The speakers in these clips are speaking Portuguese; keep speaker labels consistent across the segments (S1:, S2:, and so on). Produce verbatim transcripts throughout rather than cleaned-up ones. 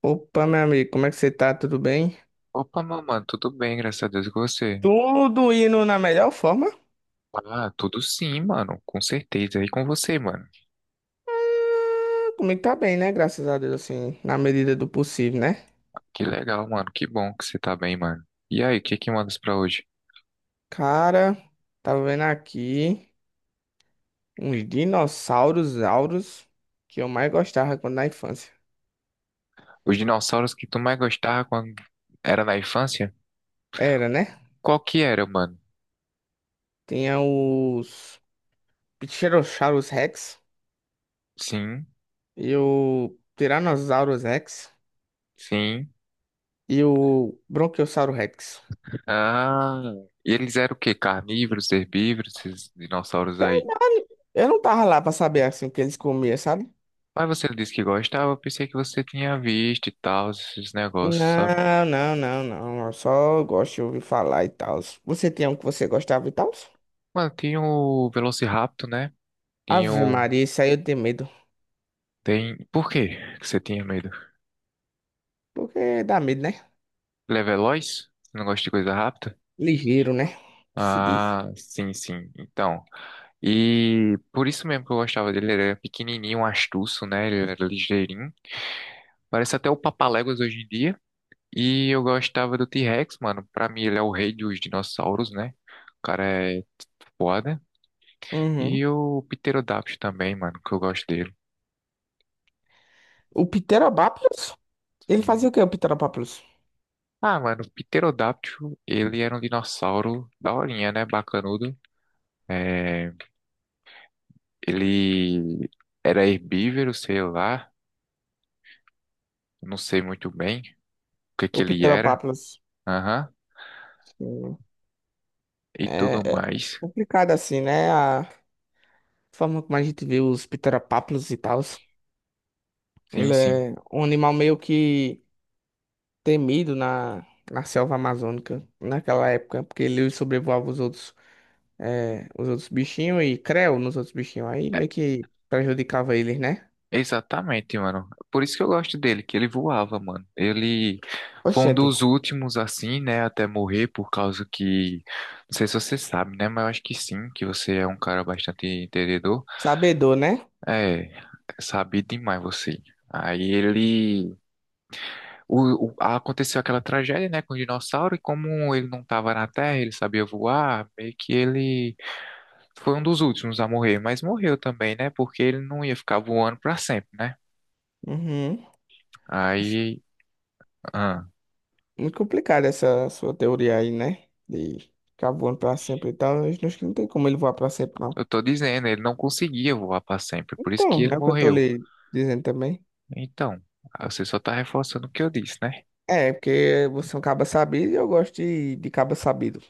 S1: Opa, meu amigo, como é que você tá? Tudo bem?
S2: Opa, meu mano, tudo bem, graças a Deus, e com você?
S1: Tudo indo na melhor forma? Ah,
S2: Ah, tudo sim, mano, com certeza, e com você, mano?
S1: comigo tá bem, né? Graças a Deus, assim, na medida do possível, né?
S2: Que legal, mano, que bom que você tá bem, mano. E aí, o que que mandas pra hoje?
S1: Cara, tava vendo aqui uns dinossauros auros que eu mais gostava quando na infância.
S2: Os dinossauros que tu mais gostava quando era na infância?
S1: Era, né?
S2: Qual que era, mano?
S1: Tinha os Pterosaurus Rex
S2: Sim,
S1: e o Tyrannosaurus Rex
S2: sim.
S1: e o Bronchiossauro Rex.
S2: Ah, e eles eram o quê? Carnívoros, herbívoros, esses dinossauros
S1: Sei
S2: aí?
S1: lá, eu não tava lá pra saber, assim, o que eles comiam, sabe?
S2: Mas você disse que gostava, eu pensei que você tinha visto e tal, esses negócios, sabe?
S1: Não, não, não, não. Eu só gosto de ouvir falar e tal. Você tem um que você gostava e tal?
S2: Mano, tinha o Velociraptor, né? Tinha
S1: Ave
S2: o
S1: Maria, isso aí eu tenho medo.
S2: Tem. Por quê que você tinha medo?
S1: Porque dá medo, né?
S2: Ele é veloz? Você não gosta de coisa rápida?
S1: Ligeiro, né? Que se diz.
S2: Ah, sim, sim. Então. E por isso mesmo que eu gostava dele. Ele era pequenininho, um astuço, né? Ele era ligeirinho. Parece até o Papaléguas hoje em dia. E eu gostava do T-Rex, mano. Pra mim, ele é o rei dos dinossauros, né? O cara é foda.
S1: Uhum.
S2: E o pterodáctilo também, mano, que eu gosto dele.
S1: O Pterodactylus? Ele fazia
S2: Sim.
S1: o que, o Pterodactylus?
S2: Ah, mano, o Pterodáptilo, ele era um dinossauro daorinha, né? Bacanudo. é Ele era herbívoro, sei lá, não sei muito bem o que que
S1: O
S2: ele era,
S1: Pterodactylus.
S2: aham,
S1: Sim,
S2: e tudo
S1: É, é
S2: mais.
S1: complicado assim, né? A forma como a gente vê os Pterodactylus e tal.
S2: Sim,
S1: Ele
S2: sim.
S1: é um animal meio que temido na, na selva amazônica naquela época, porque ele sobrevoava os outros. É, os outros bichinhos e creu nos outros bichinhos. Aí
S2: É,
S1: meio que prejudicava eles, né?
S2: exatamente, mano. Por isso que eu gosto dele, que ele voava, mano. Ele foi um
S1: Oxente,
S2: dos últimos, assim, né, até morrer, por causa que. Não sei se você sabe, né, mas eu acho que sim, que você é um cara bastante entendedor.
S1: sabedor, né?
S2: É, sabe demais você. Aí ele o- o- aconteceu aquela tragédia, né, com o dinossauro, e como ele não estava na Terra, ele sabia voar, meio que ele foi um dos últimos a morrer, mas morreu também, né, porque ele não ia ficar voando para sempre, né?
S1: Uhum.
S2: Aí, ah,
S1: Muito complicada essa sua teoria aí, né? De ficar voando pra sempre e tal. Eu acho que não tem como ele voar pra sempre, não.
S2: eu tô dizendo, ele não conseguia voar para sempre, por isso que
S1: Então,
S2: ele
S1: né? O que eu tô
S2: morreu.
S1: lhe dizendo também.
S2: Então, ah, você só tá reforçando o que eu disse, né?
S1: É, porque você é um caba sabido e eu gosto de, de caba sabido.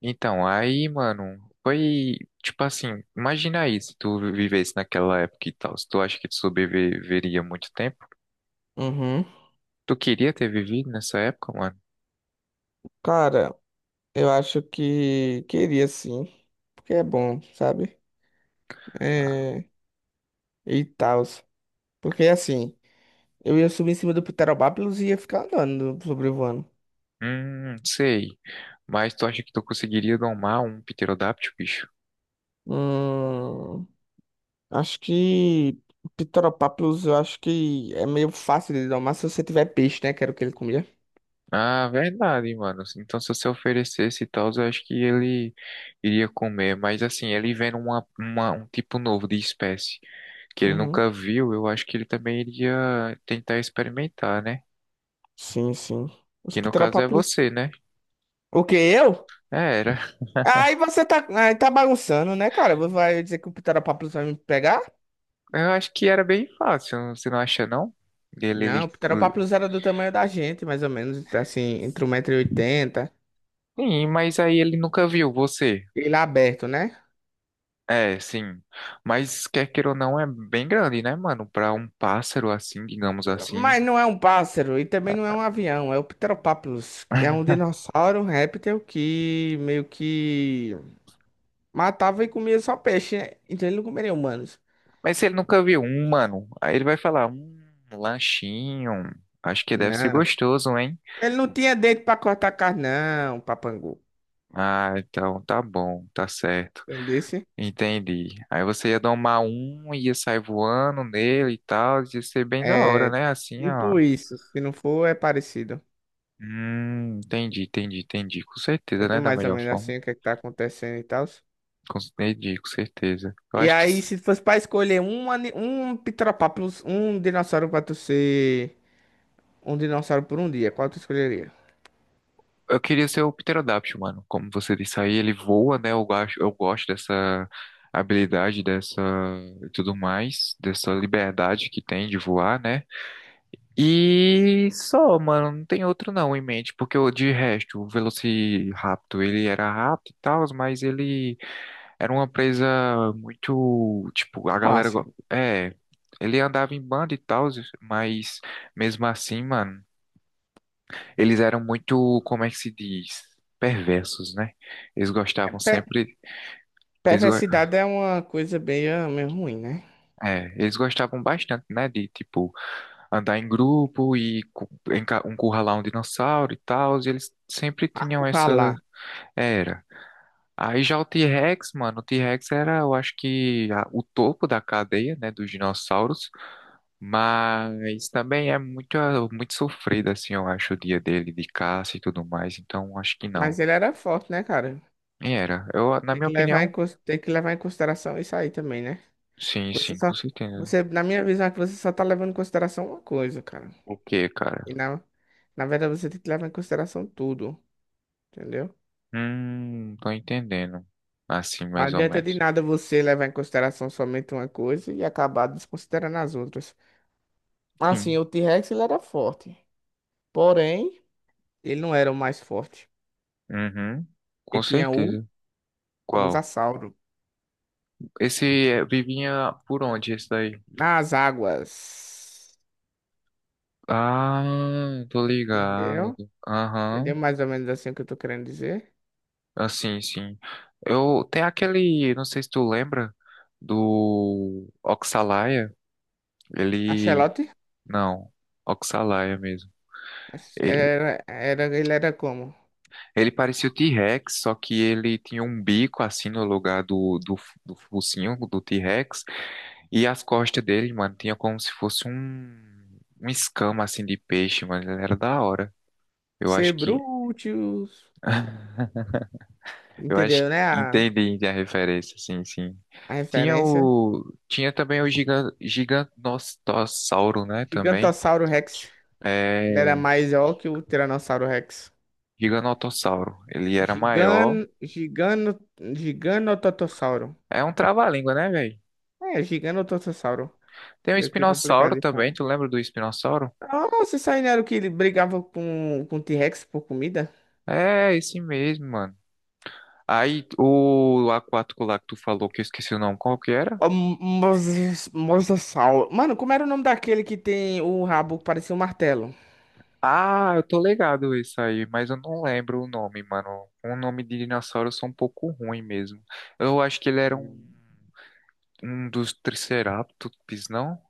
S2: Então, aí, mano, foi tipo assim, imagina aí se tu vivesse naquela época e tal, se tu acha que tu sobreviveria muito tempo,
S1: Uhum.
S2: tu queria ter vivido nessa época, mano?
S1: Cara, eu acho que queria sim. Porque é bom, sabe? É, e tal. Porque assim. Eu ia subir em cima do Pterodáctilos e ia ficar andando, sobrevoando.
S2: Hum, sei. Mas tu acha que tu conseguiria domar um pterodáctilo, bicho?
S1: Hum, acho que Pterodáctilos, eu acho que é meio fácil de domar se você tiver peixe, né? Que era o que ele comia.
S2: Ah, verdade, mano. Então, se você oferecesse e tal, eu acho que ele iria comer. Mas, assim, ele vendo uma, uma- um tipo novo de espécie que ele
S1: Uhum.
S2: nunca viu, eu acho que ele também iria tentar experimentar, né?
S1: Sim, sim. Os
S2: Que no caso é
S1: Pterodáctilos.
S2: você, né?
S1: O que, eu?
S2: É, era.
S1: Aí você tá, aí tá bagunçando, né, cara? Você vai dizer que o Pterodáctilos vai me pegar?
S2: Eu acho que era bem fácil, você não acha, não? Ele,
S1: Não, o
S2: ele...
S1: Pterodáctilos era do tamanho da gente, mais ou menos, assim, entre um metro e oitenta.
S2: Sim, mas aí ele nunca viu você.
S1: Ele é aberto, né?
S2: É, sim. Mas quer queira ou não, é bem grande, né, mano? Pra um pássaro assim, digamos assim.
S1: Mas não é um pássaro e também não é um avião, é o Pteropápulos. É um dinossauro, um réptil que meio que matava e comia só peixe, né? Então ele não comeria humanos.
S2: Mas se ele nunca viu um, mano, aí ele vai falar, um lanchinho. Acho que deve ser
S1: Não.
S2: gostoso, hein?
S1: Ele não tinha dente pra cortar carne, não, papangu.
S2: Ah, então tá bom, tá certo.
S1: Entendesse?
S2: Entendi. Aí você ia domar um, ia sair voando nele e tal. Ia ser bem da hora,
S1: É
S2: né? Assim, ó.
S1: tipo isso. Se não for, é parecido.
S2: Hum, entendi, entendi, entendi. Com certeza,
S1: Entendeu
S2: né? Da
S1: mais ou
S2: melhor
S1: menos
S2: forma.
S1: assim o que, é que tá acontecendo e tal.
S2: Com- Entendi, com certeza. Eu
S1: E
S2: acho que.
S1: aí, se fosse pra escolher um, ani- um Pteropápulos, um dinossauro pra tu ser um dinossauro por um dia, qual tu escolheria?
S2: Eu queria ser o Pterodáctilo, mano. Como você disse aí, ele voa, né? Eu gosto, eu gosto dessa habilidade, dessa e tudo mais, dessa liberdade que tem de voar, né? E só, mano, não tem outro não em mente, porque o de resto, o Velociraptor, ele era rápido e tal, mas ele era uma presa muito, tipo, a galera,
S1: Fácil.
S2: go- é, ele andava em banda e tal, mas mesmo assim, mano, eles eram muito, como é que se diz? Perversos, né? Eles
S1: É,
S2: gostavam
S1: Pe-
S2: sempre. Eles, go-
S1: perversidade é uma coisa meio, meio ruim, né?
S2: é, eles gostavam bastante, né? De, tipo, andar em grupo e cu- enca- encurralar um dinossauro e tal. E eles sempre tinham essa
S1: Acurralar.
S2: era. Aí já o T-Rex, mano, o T-Rex era, eu acho que, a- o topo da cadeia, né? Dos dinossauros. Mas também é muito, ah, muito sofrido, assim, eu acho, o dia dele de caça e tudo mais. Então, acho que não.
S1: Mas ele era forte, né, cara?
S2: E era. Eu, na
S1: Tem
S2: minha
S1: que levar em,
S2: opinião,
S1: cons- tem que levar em consideração isso aí também, né?
S2: sim,
S1: Você
S2: sim,
S1: só,
S2: com certeza.
S1: você, na minha visão, é que você só tá levando em consideração uma coisa, cara.
S2: O que, cara?
S1: E na, na verdade, você tem que levar em consideração tudo, entendeu?
S2: Hum, tô entendendo. Assim,
S1: Não
S2: mais ou
S1: adianta de
S2: menos.
S1: nada você levar em consideração somente uma coisa e acabar desconsiderando as outras. Assim,
S2: Sim.
S1: o T-Rex, ele era forte. Porém, ele não era o mais forte.
S2: Uhum. Com
S1: Ele tinha o
S2: certeza. Qual?
S1: Mosasauro.
S2: Esse é, vivinha por onde, esse daí?
S1: Nas águas.
S2: Ah, tô
S1: Entendeu?
S2: ligado.
S1: Entendeu
S2: Aham.
S1: mais ou menos assim o que eu tô querendo dizer?
S2: Assim, sim. Eu tem aquele, não sei se tu lembra do Oxalaia,
S1: A
S2: ele
S1: Axolote
S2: não, Oxalaia mesmo. Ele,
S1: era, era, ele era como?
S2: Ele parecia o T-Rex, só que ele tinha um bico assim no lugar do, do, f- do focinho do T-Rex. E as costas dele, mano, tinha como se fosse um, um escama assim de peixe, mano. Ele era da hora. Eu acho que.
S1: Cebrúteos.
S2: Eu acho
S1: Entendeu, né?
S2: que
S1: A,
S2: entendi a referência, sim, sim.
S1: a
S2: Tinha
S1: referência.
S2: o. Tinha também o giga, gigantossauro, né? Também.
S1: Gigantossauro Rex. Ele era
S2: É.
S1: maior que o Tiranossauro Rex.
S2: Giganotossauro. Ele era
S1: Gigan,
S2: maior.
S1: gigano, giganototossauro.
S2: É um trava-língua, né, velho?
S1: É, giganototossauro.
S2: Tem o
S1: Meio que complicado
S2: espinossauro
S1: de
S2: também.
S1: falar.
S2: Tu lembra do espinossauro?
S1: Nossa, isso aí não era o que ele brigava com, com o T-Rex por comida?
S2: É, esse mesmo, mano. Aí, o aquático lá que tu falou, que eu esqueci o nome, qual que era?
S1: Ah, Moses, Mosasaur. Mano, como era o nome daquele que tem o rabo que parecia um martelo?
S2: Ah, eu tô ligado isso aí, mas eu não lembro o nome, mano. O nome de dinossauro eu sou um pouco ruim mesmo. Eu acho que ele era um,
S1: Hum.
S2: um dos Triceratops, não?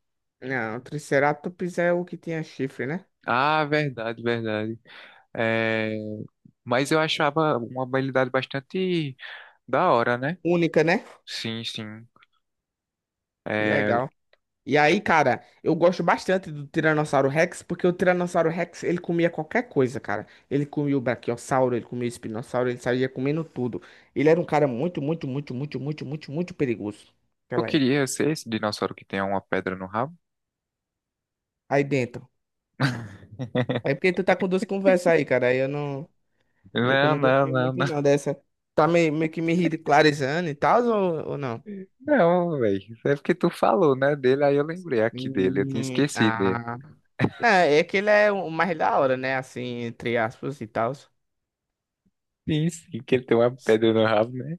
S1: Não, o Triceratops é o que tinha chifre, né?
S2: Ah, verdade, verdade. É, mas eu achava uma habilidade bastante da hora, né?
S1: Única, né?
S2: Sim, sim.
S1: Que
S2: É,
S1: legal. E aí, cara, eu gosto bastante do Tiranossauro Rex, porque o Tiranossauro Rex, ele comia qualquer coisa, cara. Ele comia o Brachiosauro, ele comia o Espinossauro, ele saía comendo tudo. Ele era um cara muito, muito, muito, muito, muito, muito, muito perigoso
S2: eu
S1: naquela época.
S2: queria ser esse dinossauro que tem uma pedra no rabo.
S1: Aí dentro. Aí porque tu tá com duas conversas aí, cara, aí eu não... Meio que eu
S2: Não,
S1: não
S2: não,
S1: gostei
S2: não,
S1: muito não
S2: não.
S1: dessa. Tá meio, meio que me ridicularizando e tal, ou, ou não?
S2: Não, velho. É porque tu falou, né, dele, aí eu lembrei aqui dele. Eu tinha
S1: Hum,
S2: esquecido dele.
S1: ah. Não, é que ele é o mais da hora, né? Assim, entre aspas e tal.
S2: Sim, sim, que ele tem uma pedra no rabo, né?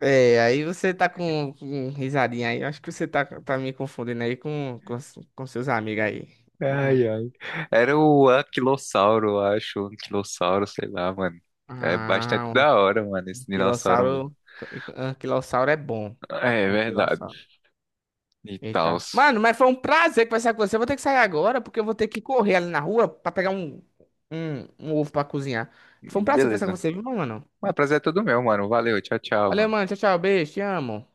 S1: É, aí você tá com, com risadinha aí. Eu acho que você tá, tá me confundindo aí com, com, com seus amigos aí. Hum.
S2: Ai, ai. Era o anquilossauro, eu acho. O anquilossauro, sei lá, mano. É bastante
S1: Ah, um
S2: da hora, mano, esse dinossauro mesmo.
S1: anquilossauro. Anquilossauro é bom.
S2: É é verdade.
S1: Anquilossauro.
S2: E tal.
S1: Eita. Mano, mas foi um prazer conversar com você. Eu vou ter que sair agora, porque eu vou ter que correr ali na rua pra pegar um, um, um ovo pra cozinhar. Foi um prazer conversar com
S2: Beleza.
S1: você, viu, mano?
S2: Mas prazer é todo meu, mano. Valeu, tchau, tchau,
S1: Valeu,
S2: mano.
S1: mano. Tchau, tchau. Beijo. Te amo.